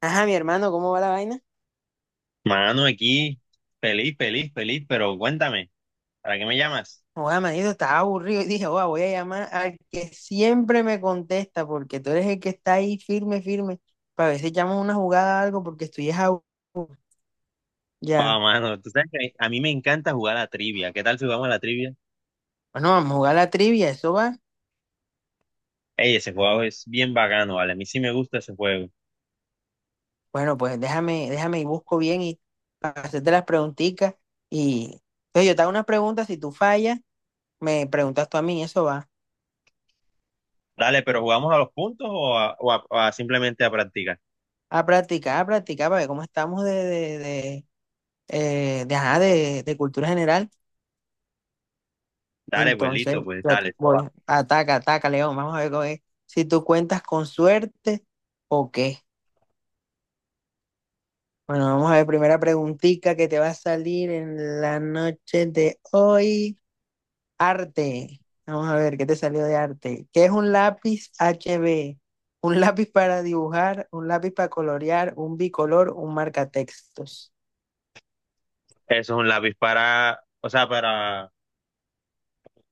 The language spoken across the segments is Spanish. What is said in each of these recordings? Ajá, mi hermano, ¿cómo va la vaina? Mano, aquí, feliz, feliz, feliz, pero cuéntame, ¿para qué me llamas? Oiga, manito, estaba aburrido y dije, oiga, voy a llamar al que siempre me contesta, porque tú eres el que está ahí firme, firme, para ver si echamos una jugada o algo, porque estoy es aburrido. Ah, Ya, mano, tú sabes que a mí me encanta jugar a la trivia. ¿Qué tal si jugamos a la trivia? bueno, vamos a jugar la trivia, ¿eso va? Ey, ese juego es bien bacano, vale. A mí sí me gusta ese juego. Bueno, pues déjame y busco bien y para hacerte las preguntitas. Y entonces yo te hago unas preguntas, si tú fallas, me preguntas tú a mí, eso va. Dale, pero ¿jugamos a los puntos o a simplemente a practicar? A practicar, para ver cómo estamos de, ajá, de cultura general. Dale, pues Entonces, listo, pues dale, toma. voy, ataca, ataca, León. Vamos a ver cómo es, si tú cuentas con suerte o qué. Bueno, vamos a ver, primera preguntita que te va a salir en la noche de hoy. Arte. Vamos a ver, ¿qué te salió de arte? ¿Qué es un lápiz HB? Un lápiz para dibujar, un lápiz para colorear, un bicolor, un marcatextos. Eso es un lápiz para, o sea, para...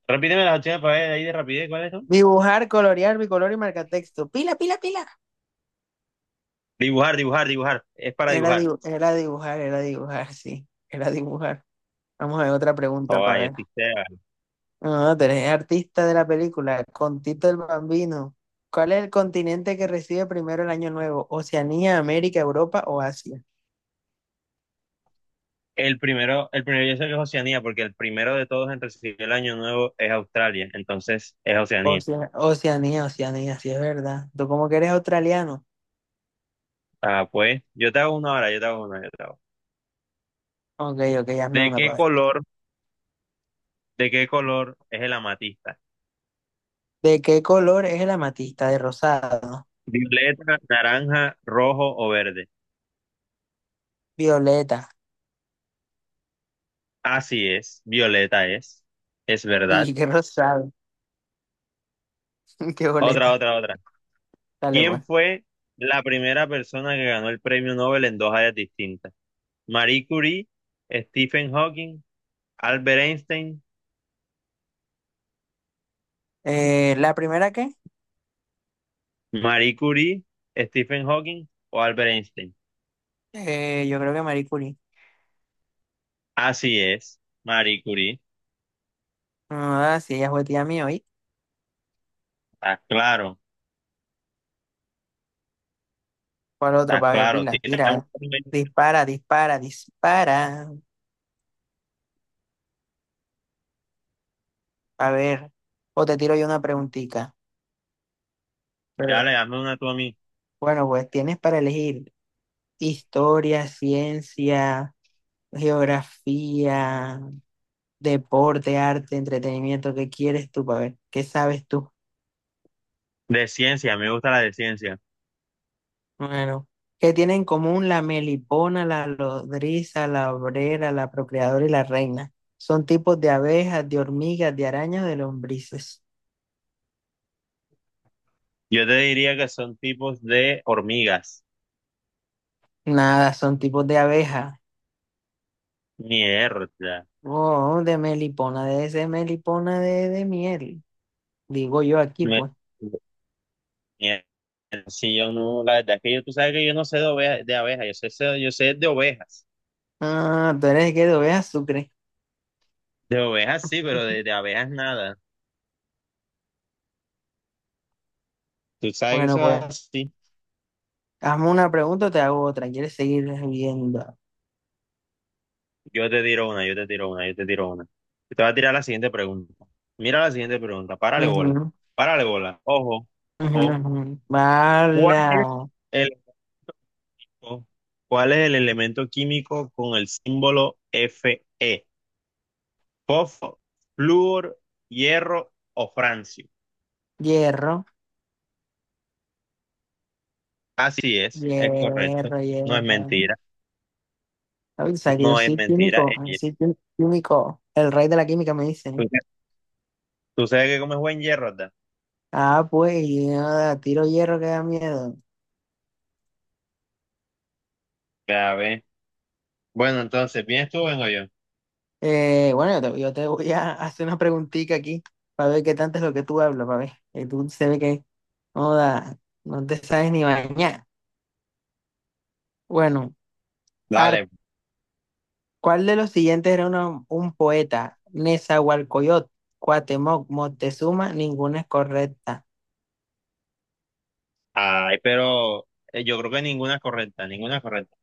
Repíteme las opciones para ver ahí de rapidez, ¿cuáles son? Dibujar, colorear, bicolor y marcatexto. Pila, pila, pila. Dibujar, dibujar, dibujar. Es para dibujar. Era dibujar, sí. Era dibujar. Vamos a ver otra pregunta Oh, para yo ver. sí sé. Ah, tenés artista de la película, con Tito el Bambino. ¿Cuál es el continente que recibe primero el Año Nuevo? ¿Oceanía, América, Europa o Asia? El primero yo sé que es Oceanía, porque el primero de todos en recibir el año nuevo es Australia, entonces es Oceanía. Oceanía, Oceanía, sí es verdad. Tú como que eres australiano. Ah, pues, yo te hago una ahora, yo te hago una, yo te hago. Ok, ok, hazme ¿De una qué para ver. color, de qué color es el amatista? ¿De qué color es el amatista? ¿De rosado? ¿Violeta, naranja, rojo o verde? Violeta. Así es, violeta es verdad. Y qué rosado, qué Otra, boleta. otra, otra. Dale, ¿Quién pues. fue la primera persona que ganó el premio Nobel en dos áreas distintas? Marie Curie, Stephen Hawking, Albert Einstein. ¿La primera qué? Marie Curie, Stephen Hawking o Albert Einstein. Yo creo que Marie Curie. Así es, Marie Curie. Ah, sí, ella fue tía mía. Está claro, ¿Cuál otro está para ver claro. pila? Tira un... Tira, dispara, dispara, dispara. A ver, o te tiro yo una preguntita. Pero, Dale, hazme una tú a mí. bueno, pues tienes para elegir historia, ciencia, geografía, deporte, arte, entretenimiento. ¿Qué quieres tú para ver? ¿Qué sabes tú? De ciencia, me gusta la de ciencia. Bueno, ¿qué tienen en común la melipona, la lodriza, la obrera, la procreadora y la reina? Son tipos de abejas, de hormigas, de arañas, de lombrices. Yo te diría que son tipos de hormigas. Nada, son tipos de abejas. Mierda. Oh, de melipona, debe ser melipona de miel. Digo yo aquí, Me... pues. mierda. Si yo no, la verdad es que yo, tú sabes que yo no sé de ovejas, de abejas, yo sé, sé... yo sé de ovejas. Ah, tú eres el que de azúcar. De ovejas sí, pero de abejas nada. Tú sabes que Bueno, eso es pues, así. hazme una pregunta o te hago otra. ¿Quieres seguir viendo? Yo te tiro una, yo te tiro una, yo te tiro una. Te voy a tirar la siguiente pregunta. Mira la siguiente pregunta. Párale bola. Ujú, Párale bola. Ojo, ujú, ojo. ujú. ¿Cuál es Bala. el, ojo, cuál es el elemento químico con el símbolo Fe? ¿Fósforo, flúor, hierro o francio? Hierro, Así es correcto. hierro, No es hierro. mentira. Ay, o sea, que yo No es soy mentira, químico, es hierro. Químico. El rey de la química me ¿Tú, dice. tú sabes que comes buen hierro, verdad? Ah, pues, yo tiro hierro que da miedo. Ya ves. Bueno, entonces, ¿vienes tú o vengo yo? Bueno, yo te voy a hacer una preguntita aquí para ver qué tanto es lo que tú hablas, para ver. Tú se ve que no, no te sabes ni bañar. Bueno, arte. Dale. ¿Cuál de los siguientes un poeta? Nezahualcóyotl, Cuauhtémoc, Moctezuma, ninguna es correcta. Ay, pero yo creo que ninguna es correcta, ninguna es correcta.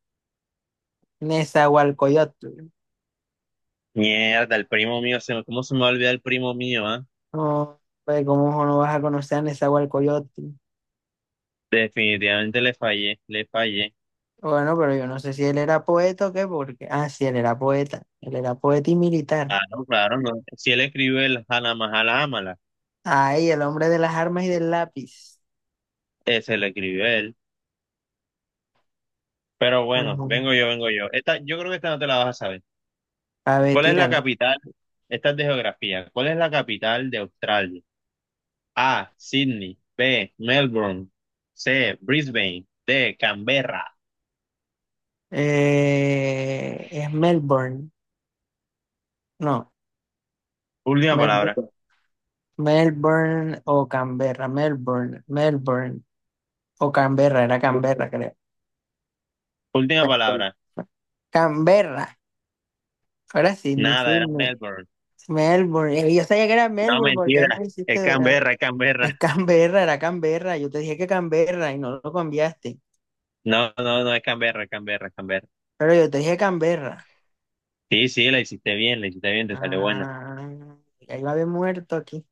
Nezahualcóyotl. Mierda, el primo mío, se me... ¿cómo se me va a olvidar el primo mío, ah? No, pues, ¿cómo no vas a conocer a Nezahualcóyotl? Definitivamente le fallé, le fallé. Bueno, pero yo no sé si él era poeta o qué, porque… Ah, sí, él era poeta. Él era poeta y militar. Claro, claro, no. Si él escribió el Hana Mahala Amala, Ay, el hombre de las armas y del lápiz. ese lo escribió él. Pero bueno, Ujú. vengo yo, vengo yo. Esta, yo creo que esta no te la vas a saber. A ver, ¿Cuál es la tírala. capital? Esta es de geografía. ¿Cuál es la capital de Australia? A, Sydney. B, Melbourne. C, Brisbane. D, Canberra. Es Melbourne. No, Última palabra. Melbourne. Melbourne o Canberra. Melbourne, Melbourne o Canberra. Era Canberra, creo. Última palabra. Canberra. Ahora sí, ni Nada, era Sydney. Melbourne. Melbourne. Yo sabía que era No, Melbourne mentira. porque me Es hiciste dudar. Canberra, es Canberra. Es Canberra, era Canberra. Yo te dije que Canberra y no lo cambiaste. No, no, no es Canberra, es Canberra, es Canberra. Pero yo te dije Canberra. Sí, sí, la hiciste bien, te salió buena. Ah, ya iba a haber muerto aquí.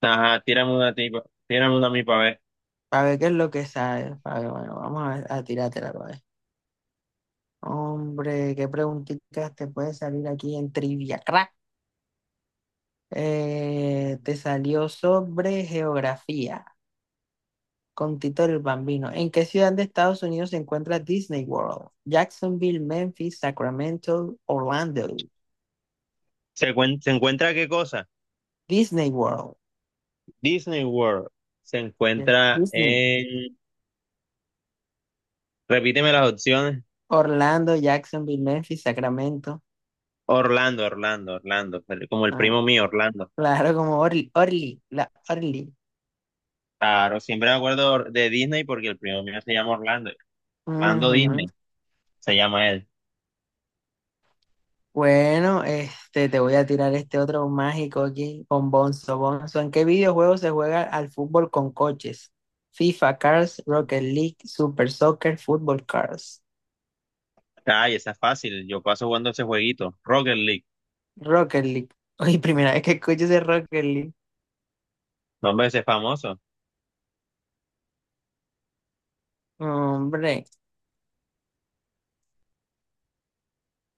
Ajá, tírame una tipa, tírame una a mí para ver. Para ver qué es lo que sabe. Para ver, bueno, vamos a, a tirártela para ver. Hombre, qué preguntitas te puede salir aquí en Trivia Crack. Te salió sobre geografía con Tito el Bambino. ¿En qué ciudad de Estados Unidos se encuentra Disney World? Jacksonville, Memphis, Sacramento, Orlando. ¿Se, cuen... ¿Se encuentra qué cosa? Disney World. Disney World. Se Yes, encuentra Disney. en... Repíteme las opciones. Orlando, Jacksonville, Memphis, Sacramento. Orlando, Orlando, Orlando. Pero como el Ah, primo mío, Orlando. claro, como Orly, Orly, la Orly. Claro, siempre me acuerdo de Disney porque el primo mío se llama Orlando. Orlando Ujú. Disney, se llama él. Bueno, este, te voy a tirar este otro mágico aquí con Bonzo. Bonzo, ¿en qué videojuego se juega al fútbol con coches? FIFA Cars, Rocket League, Super Soccer, Football Cars. Ay, esa es fácil. Yo paso jugando ese jueguito. Rocket League. Rocket League. Oye, primera vez que escucho ese Rocket League. No, hombre, ese es famoso. Hombre,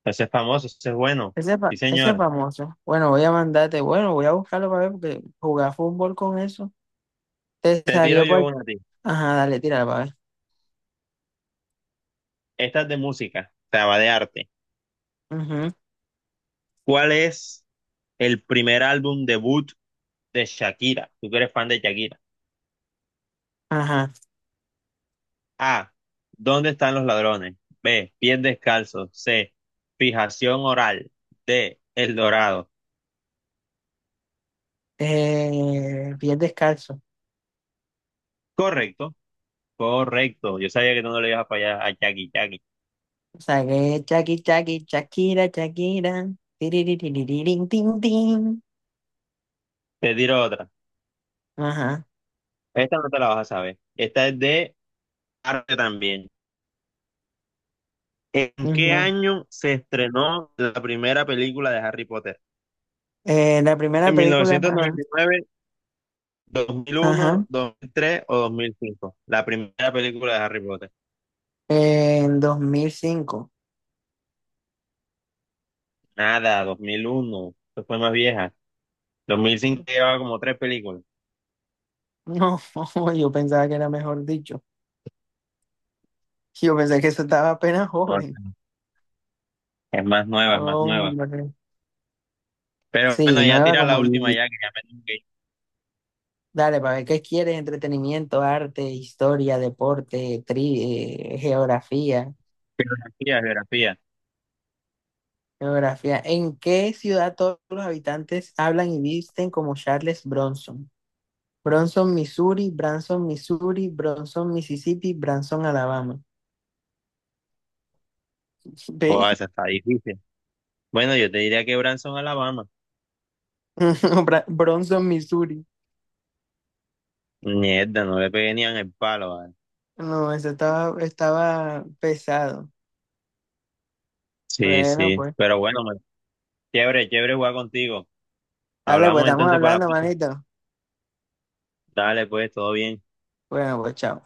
Ese es famoso, ese es bueno. Sí, ese es señor. famoso. Bueno, voy a mandarte, bueno, voy a buscarlo para ver porque jugar fútbol con eso. Te Te tiro salió yo cual. una a ti. Ajá, dale, tíralo para ver. Esta es de música, o sea, va de arte. Ujú, ¿Cuál es el primer álbum debut de Shakira? Tú que eres fan de Shakira. ajá. A. ¿Dónde están los ladrones? B. Pies descalzos. C. Fijación oral. D. El Dorado. Bien descalzo. Correcto, correcto. Yo sabía que tú no le ibas a fallar a Jackie, Jackie. Sagué, chaki, chaki, Shakira, Shakira. Tiririririn, tin, tin. Te tiro otra. Ajá. Esta no te la vas a saber. Esta es de arte también. ¿En qué Ujú. año se estrenó la primera película de Harry Potter? La primera ¿En película, ajá, 1999, 2001, ajá, 2003 o 2005? La primera película de Harry Potter. en 2005. Nada, 2001. Eso fue más vieja. 2005 llevaba como tres películas. No, yo pensaba que era mejor dicho. Yo pensé que eso estaba apenas No, no, joven. no. es más nueva, es más nueva. Hombre. Pero Sí, bueno, ya nueva tira la como última Gigi. ya que ya me tengo que ir. Dale, para ver qué quieres, entretenimiento, arte, historia, deporte, geografía. Geografía, geografía. Geografía. ¿En qué ciudad todos los habitantes hablan y visten como Charles Bronson? Bronson, Missouri, Branson, Missouri, Bronson, Mississippi, Branson, Alabama. ¿Ve? Buah, esa está difícil. Bueno, yo te diría que Branson, Alabama. Bronson, Missouri. Mierda, no le pegué ni en el palo, ¿vale? No, eso estaba, estaba pesado. Sí, Bueno, sí. pues. Pero bueno, man, chévere, chévere jugar contigo. Dale, pues Hablamos estamos entonces para... hablando, manito. Dale, pues, todo bien. Bueno, pues chao.